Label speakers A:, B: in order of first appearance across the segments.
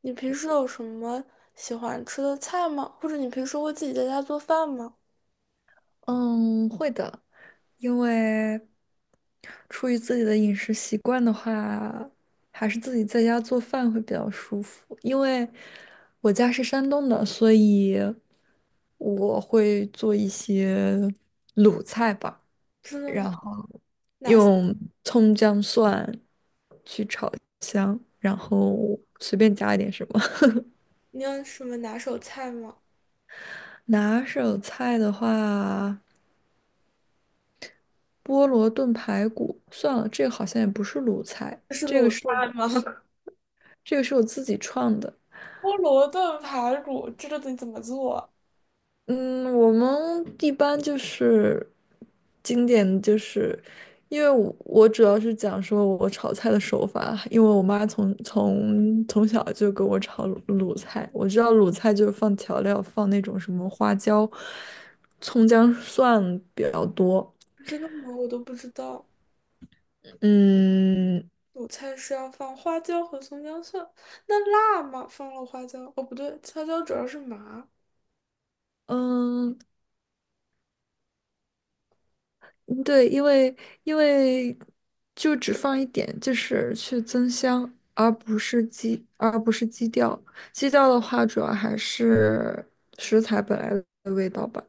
A: 你平时有什么喜欢吃的菜吗？或者你平时会自己在家做饭吗？
B: 嗯，会的，因为出于自己的饮食习惯的话，还是自己在家做饭会比较舒服。因为我家是山东的，所以我会做一些鲁菜吧，
A: 真的吗？哪些？
B: 用葱姜蒜去炒香，然后随便加一点什么。
A: 你有什么拿手菜吗？
B: 拿手菜的话，菠萝炖排骨，算了，这个好像也不是鲁菜，
A: 这是
B: 这个
A: 鲁菜
B: 是。
A: 吗？
B: 这个是我自己创的。
A: 菠萝炖排骨，这个得怎么做啊？
B: 嗯，我们一般就是经典，就是因为我主要是讲说我炒菜的手法，因为我妈从小就给我炒卤菜，我知道卤菜就是放调料，放那种什么花椒、葱姜蒜比较多。
A: 真的吗？我都不知道。
B: 嗯
A: 鲁菜是要放花椒和葱姜蒜，那辣吗？放了花椒？哦，不对，花椒主要是麻。
B: 嗯，嗯对，因为因为就只放一点，就是去增香，而不是基调。基调的话，主要还是食材本来的味道吧。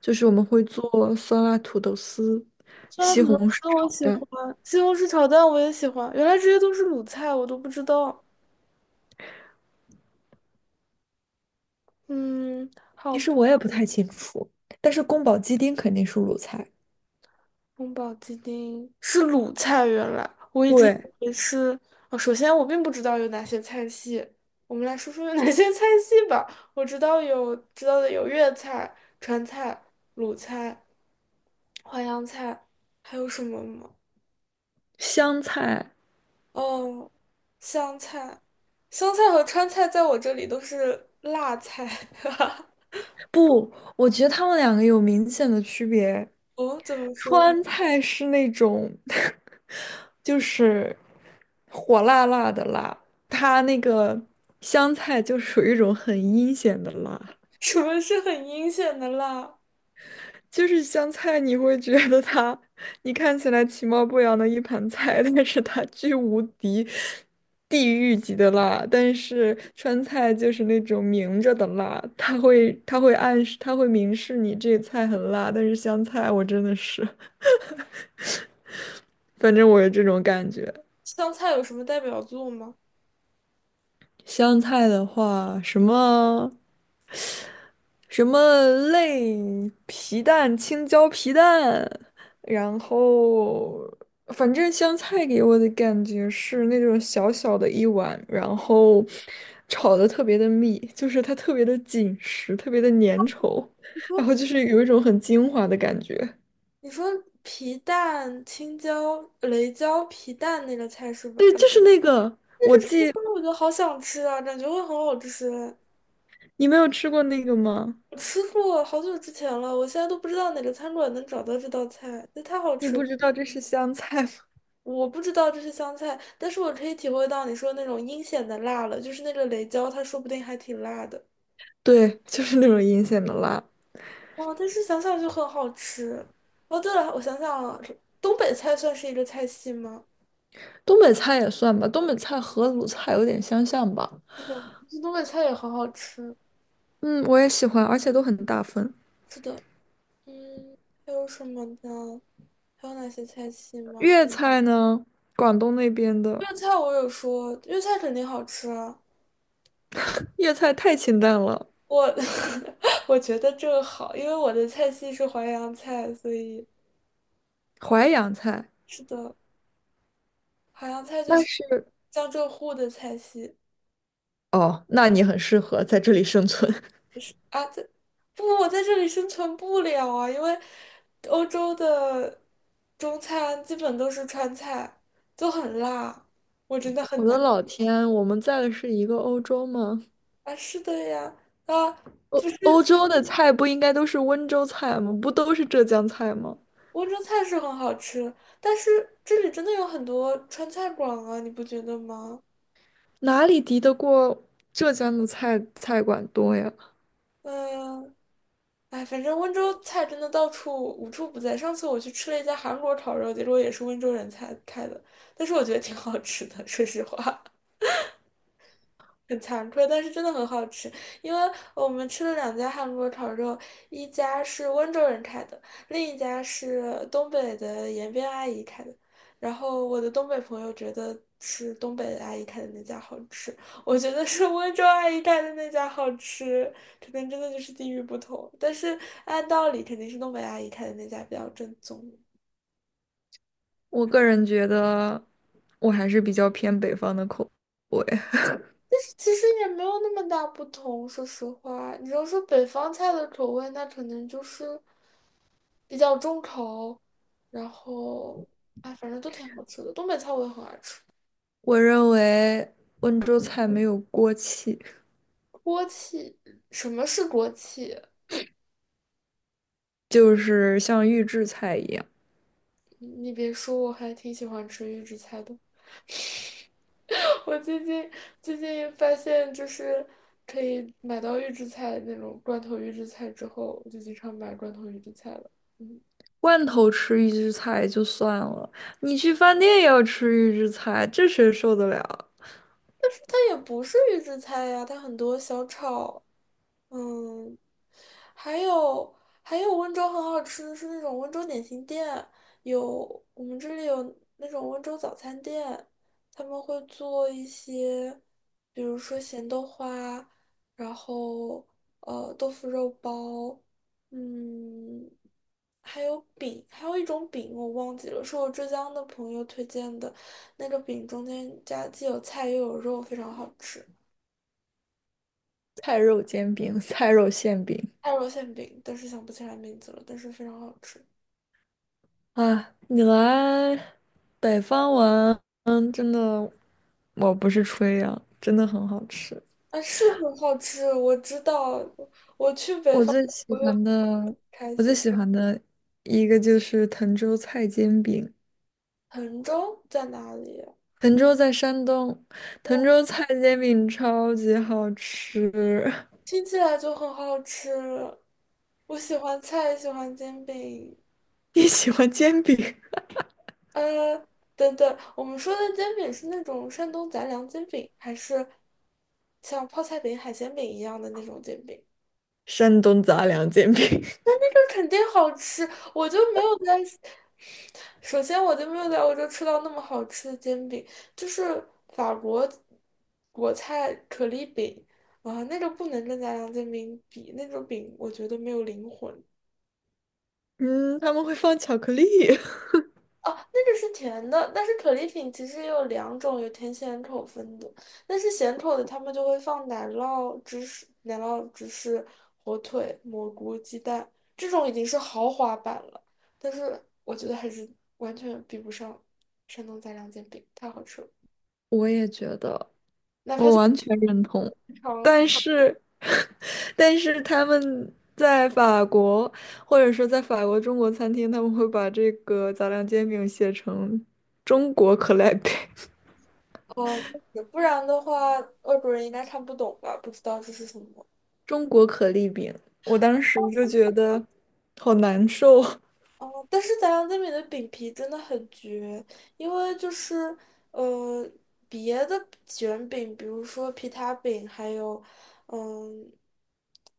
B: 就是我们会做酸辣土豆丝、
A: 酸辣
B: 西
A: 土豆
B: 红柿
A: 丝我
B: 炒
A: 喜
B: 蛋，
A: 欢，西红柿炒蛋我也喜欢。原来这些都是鲁菜，我都不知道。嗯，好
B: 其
A: 吧。
B: 实我也不太清楚，但是宫保鸡丁肯定是鲁菜。
A: 宫保鸡丁是鲁菜，原来我一直以
B: 对，
A: 为是。哦，首先我并不知道有哪些菜系，我们来说说有哪些 菜系吧。我知道有知道的有粤菜、川菜、鲁菜、淮扬菜，还有什么吗？
B: 香菜，
A: 哦，湘菜，湘菜和川菜在我这里都是辣菜。
B: 不，我觉得他们两个有明显的区别。
A: 哦，怎么说？
B: 川菜是那种，就是火辣辣的辣，它那个湘菜就属于一种很阴险的辣。
A: 什么是很阴险的辣？
B: 就是香菜，你会觉得它，你看起来其貌不扬的一盘菜，但是它巨无敌地狱级的辣。但是川菜就是那种明着的辣，它会暗示，它会明示你这菜很辣。但是香菜，我真的是，反正我有这种感觉。
A: 湘菜有什么代表作吗？
B: 香菜的话，什么？什么类皮蛋、青椒皮蛋，然后反正香菜给我的感觉是那种小小的一碗，然后炒的特别的密，就是它特别的紧实，特别的粘稠，
A: 你说。
B: 然后就是有一种很精华的感觉。
A: 你说皮蛋、青椒、雷椒皮蛋那个菜是吧？啊
B: 就是那个，
A: 那个吃法我觉得好想吃啊，感觉会很好吃。
B: 你没有吃过那个吗？
A: 我吃过好久之前了，我现在都不知道哪个餐馆能找到这道菜，那太好
B: 你
A: 吃
B: 不
A: 了。
B: 知道这是香菜吗？
A: 我不知道这是香菜，但是我可以体会到你说那种阴险的辣了，就是那个雷椒，它说不定还挺辣的。
B: 对，就是那种阴险的辣。
A: 哦，但是想想就很好吃。哦，对了，我想想啊，东北菜算是一个菜系吗？
B: 东北菜也算吧，东北菜和鲁菜有点相像吧。
A: 这东北菜也很好吃。
B: 嗯，我也喜欢，而且都很大份。
A: 是的。嗯，还有什么呢？还有哪些菜系吗？
B: 粤菜呢，广东那边的
A: 粤菜我有说，粤菜肯定好吃啊。
B: 粤菜太清淡了，
A: 我 我觉得这个好，因为我的菜系是淮扬菜，所以
B: 淮扬菜
A: 是的，淮扬菜就
B: 那
A: 是
B: 是
A: 江浙沪的菜系。
B: 哦，那你很适合在这里生存。
A: 是啊，在不，我在这里生存不了啊，因为欧洲的中餐基本都是川菜，都很辣
B: 我的老天，我们在的是一个欧洲吗？
A: 啊。是的呀，啊，
B: 欧洲的菜不应该都是温州菜吗？不都是浙江菜吗？
A: 温州菜是很好吃，但是这里真的有很多川菜馆啊，你不觉得吗？
B: 哪里敌得过浙江的菜馆多呀？
A: 嗯，哎，反正温州菜真的到处无处不在。上次我去吃了一家韩国烤肉，结果也是温州人才开的，但是我觉得挺好吃的，说实话。很惭愧，但是真的很好吃。因为我们吃了两家韩国烤肉，一家是温州人开的，另一家是东北的延边阿姨开的。然后我的东北朋友觉得是东北的阿姨开的那家好吃，我觉得是温州阿姨开的那家好吃，可能真的就是地域不同。但是按道理肯定是东北阿姨开的那家比较正宗。
B: 我个人觉得，我还是比较偏北方的口味。
A: 其实也没有那么大不同，说实话，你要说北方菜的口味，那可能就是比较重口，然后哎，反正都挺好吃的。东北菜我也很爱吃，
B: 我认为温州菜没有锅气，
A: 锅气，什么是锅气？
B: 就是像预制菜一样，
A: 你别说，我还挺喜欢吃预制菜的。我最近发现，就是可以买到预制菜那种罐头预制菜之后，我就经常买罐头预制菜了。嗯，
B: 罐头吃预制菜就算了，你去饭店也要吃预制菜，这谁受得了？
A: 它也不是预制菜呀，它很多小炒嗯，还有还有温州很好吃的是那种温州点心店，有我们这里有那种温州早餐店，他们会做一些，比如说咸豆花，然后豆腐肉包，嗯，还有饼，还有一种饼我忘记了，是我浙江的朋友推荐的，那个饼中间加既有菜又有肉，非常好吃。
B: 菜肉煎饼、菜肉馅饼
A: 爱肉馅饼，但是想不起来名字了，但是非常好吃。
B: 啊！你来北方玩，嗯，真的，我不是吹啊，真的很好吃。
A: 啊，是很好吃，我知道。我去北
B: 我
A: 方，
B: 最喜
A: 我就
B: 欢的，
A: 开
B: 我最
A: 心。
B: 喜欢的一个就是滕州菜煎饼。
A: 滕州在哪里
B: 滕州在山东，滕
A: 我
B: 州菜煎饼超级好吃。
A: 听起来就很好吃。我喜欢菜，喜欢煎饼。
B: 你喜欢煎饼？
A: 呃，等等，我们说的煎饼是那种山东杂粮煎饼，还是像泡菜饼、海鲜饼一样的那种煎饼？
B: 山东杂粮煎饼，
A: 这肯定好吃，我就没有在。首先，我就没有在欧洲吃到那么好吃的煎饼，就是法国国菜可丽饼啊，那个不能跟家乡煎饼比，那种饼我觉得没有灵魂。
B: 嗯，他们会放巧克力。
A: 哦，那个是甜的，但是可丽饼其实也有两种，有甜咸口分的。但是咸口的，他们就会放奶酪、芝士、奶酪、芝士、火腿、蘑菇、鸡蛋，这种已经是豪华版了。但是我觉得还是完全比不上山东杂粮煎饼，太好吃了。
B: 我也觉得，
A: 哪怕
B: 我
A: 是
B: 完全认同。
A: 正常
B: 但是，但是他们在法国，或者说在法国中国餐厅，他们会把这个杂粮煎饼写成中国可丽饼，
A: 呃，不然的话，外国人应该看不懂吧？不知道这是什么。
B: 中国可丽饼。我当时就觉得好难受。
A: 哦，但是杂粮煎饼的饼皮真的很绝，因为就是呃，别的卷饼，比如说皮塔饼，还有嗯，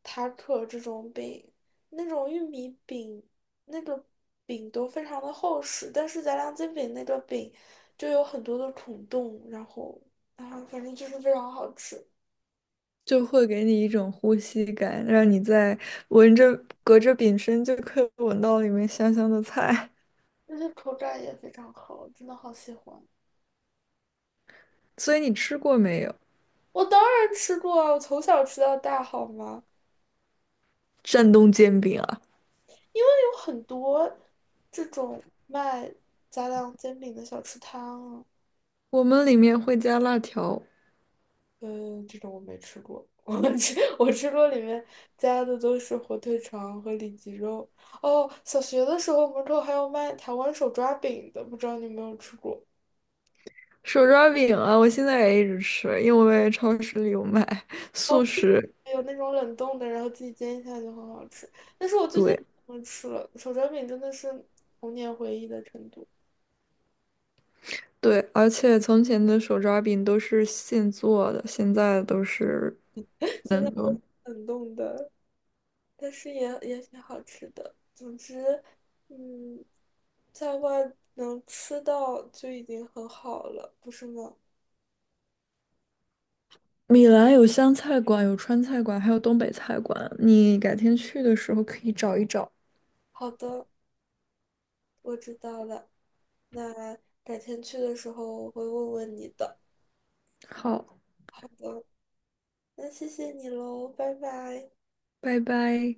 A: 塔克这种饼，那种玉米饼，那个饼都非常的厚实，但是杂粮煎饼那个饼就有很多的孔洞，然后啊，反正就是非常好吃。
B: 就会给你一种呼吸感，让你在闻着隔着饼身就可以闻到里面香香的菜。
A: 那些口感也非常好，真的好喜欢。
B: 所以你吃过没有？
A: 我当然吃过啊，我从小吃到大，好吗？
B: 山东煎饼啊，
A: 因为有很多这种卖杂粮煎饼的小吃摊啊
B: 我们里面会加辣条。
A: 嗯，这种我没吃过。我吃过里面加的都是火腿肠和里脊肉。哦，小学的时候门口还有卖台湾手抓饼的，不知道你有没有吃过？
B: 手抓饼啊，我现在也一直吃，因为超市里有卖
A: 哦。
B: 速食。
A: 还有那种冷冻的，然后自己煎一下就很好吃。但是我最近
B: 对
A: 不吃了，手抓饼真的是童年回忆的程度，
B: 对，而且从前的手抓饼都是现做的，现在都是
A: 现在
B: 冷
A: 都是
B: 冻。
A: 冷冻的，但是也挺好吃的。总之，嗯，在外能吃到就已经很好了，不是吗？
B: 米兰有湘菜馆，有川菜馆，还有东北菜馆。你改天去的时候可以找一找。
A: 好的，我知道了。那改天去的时候我会问问你的。
B: 好，
A: 好的，那谢谢你喽，拜拜。
B: 拜拜。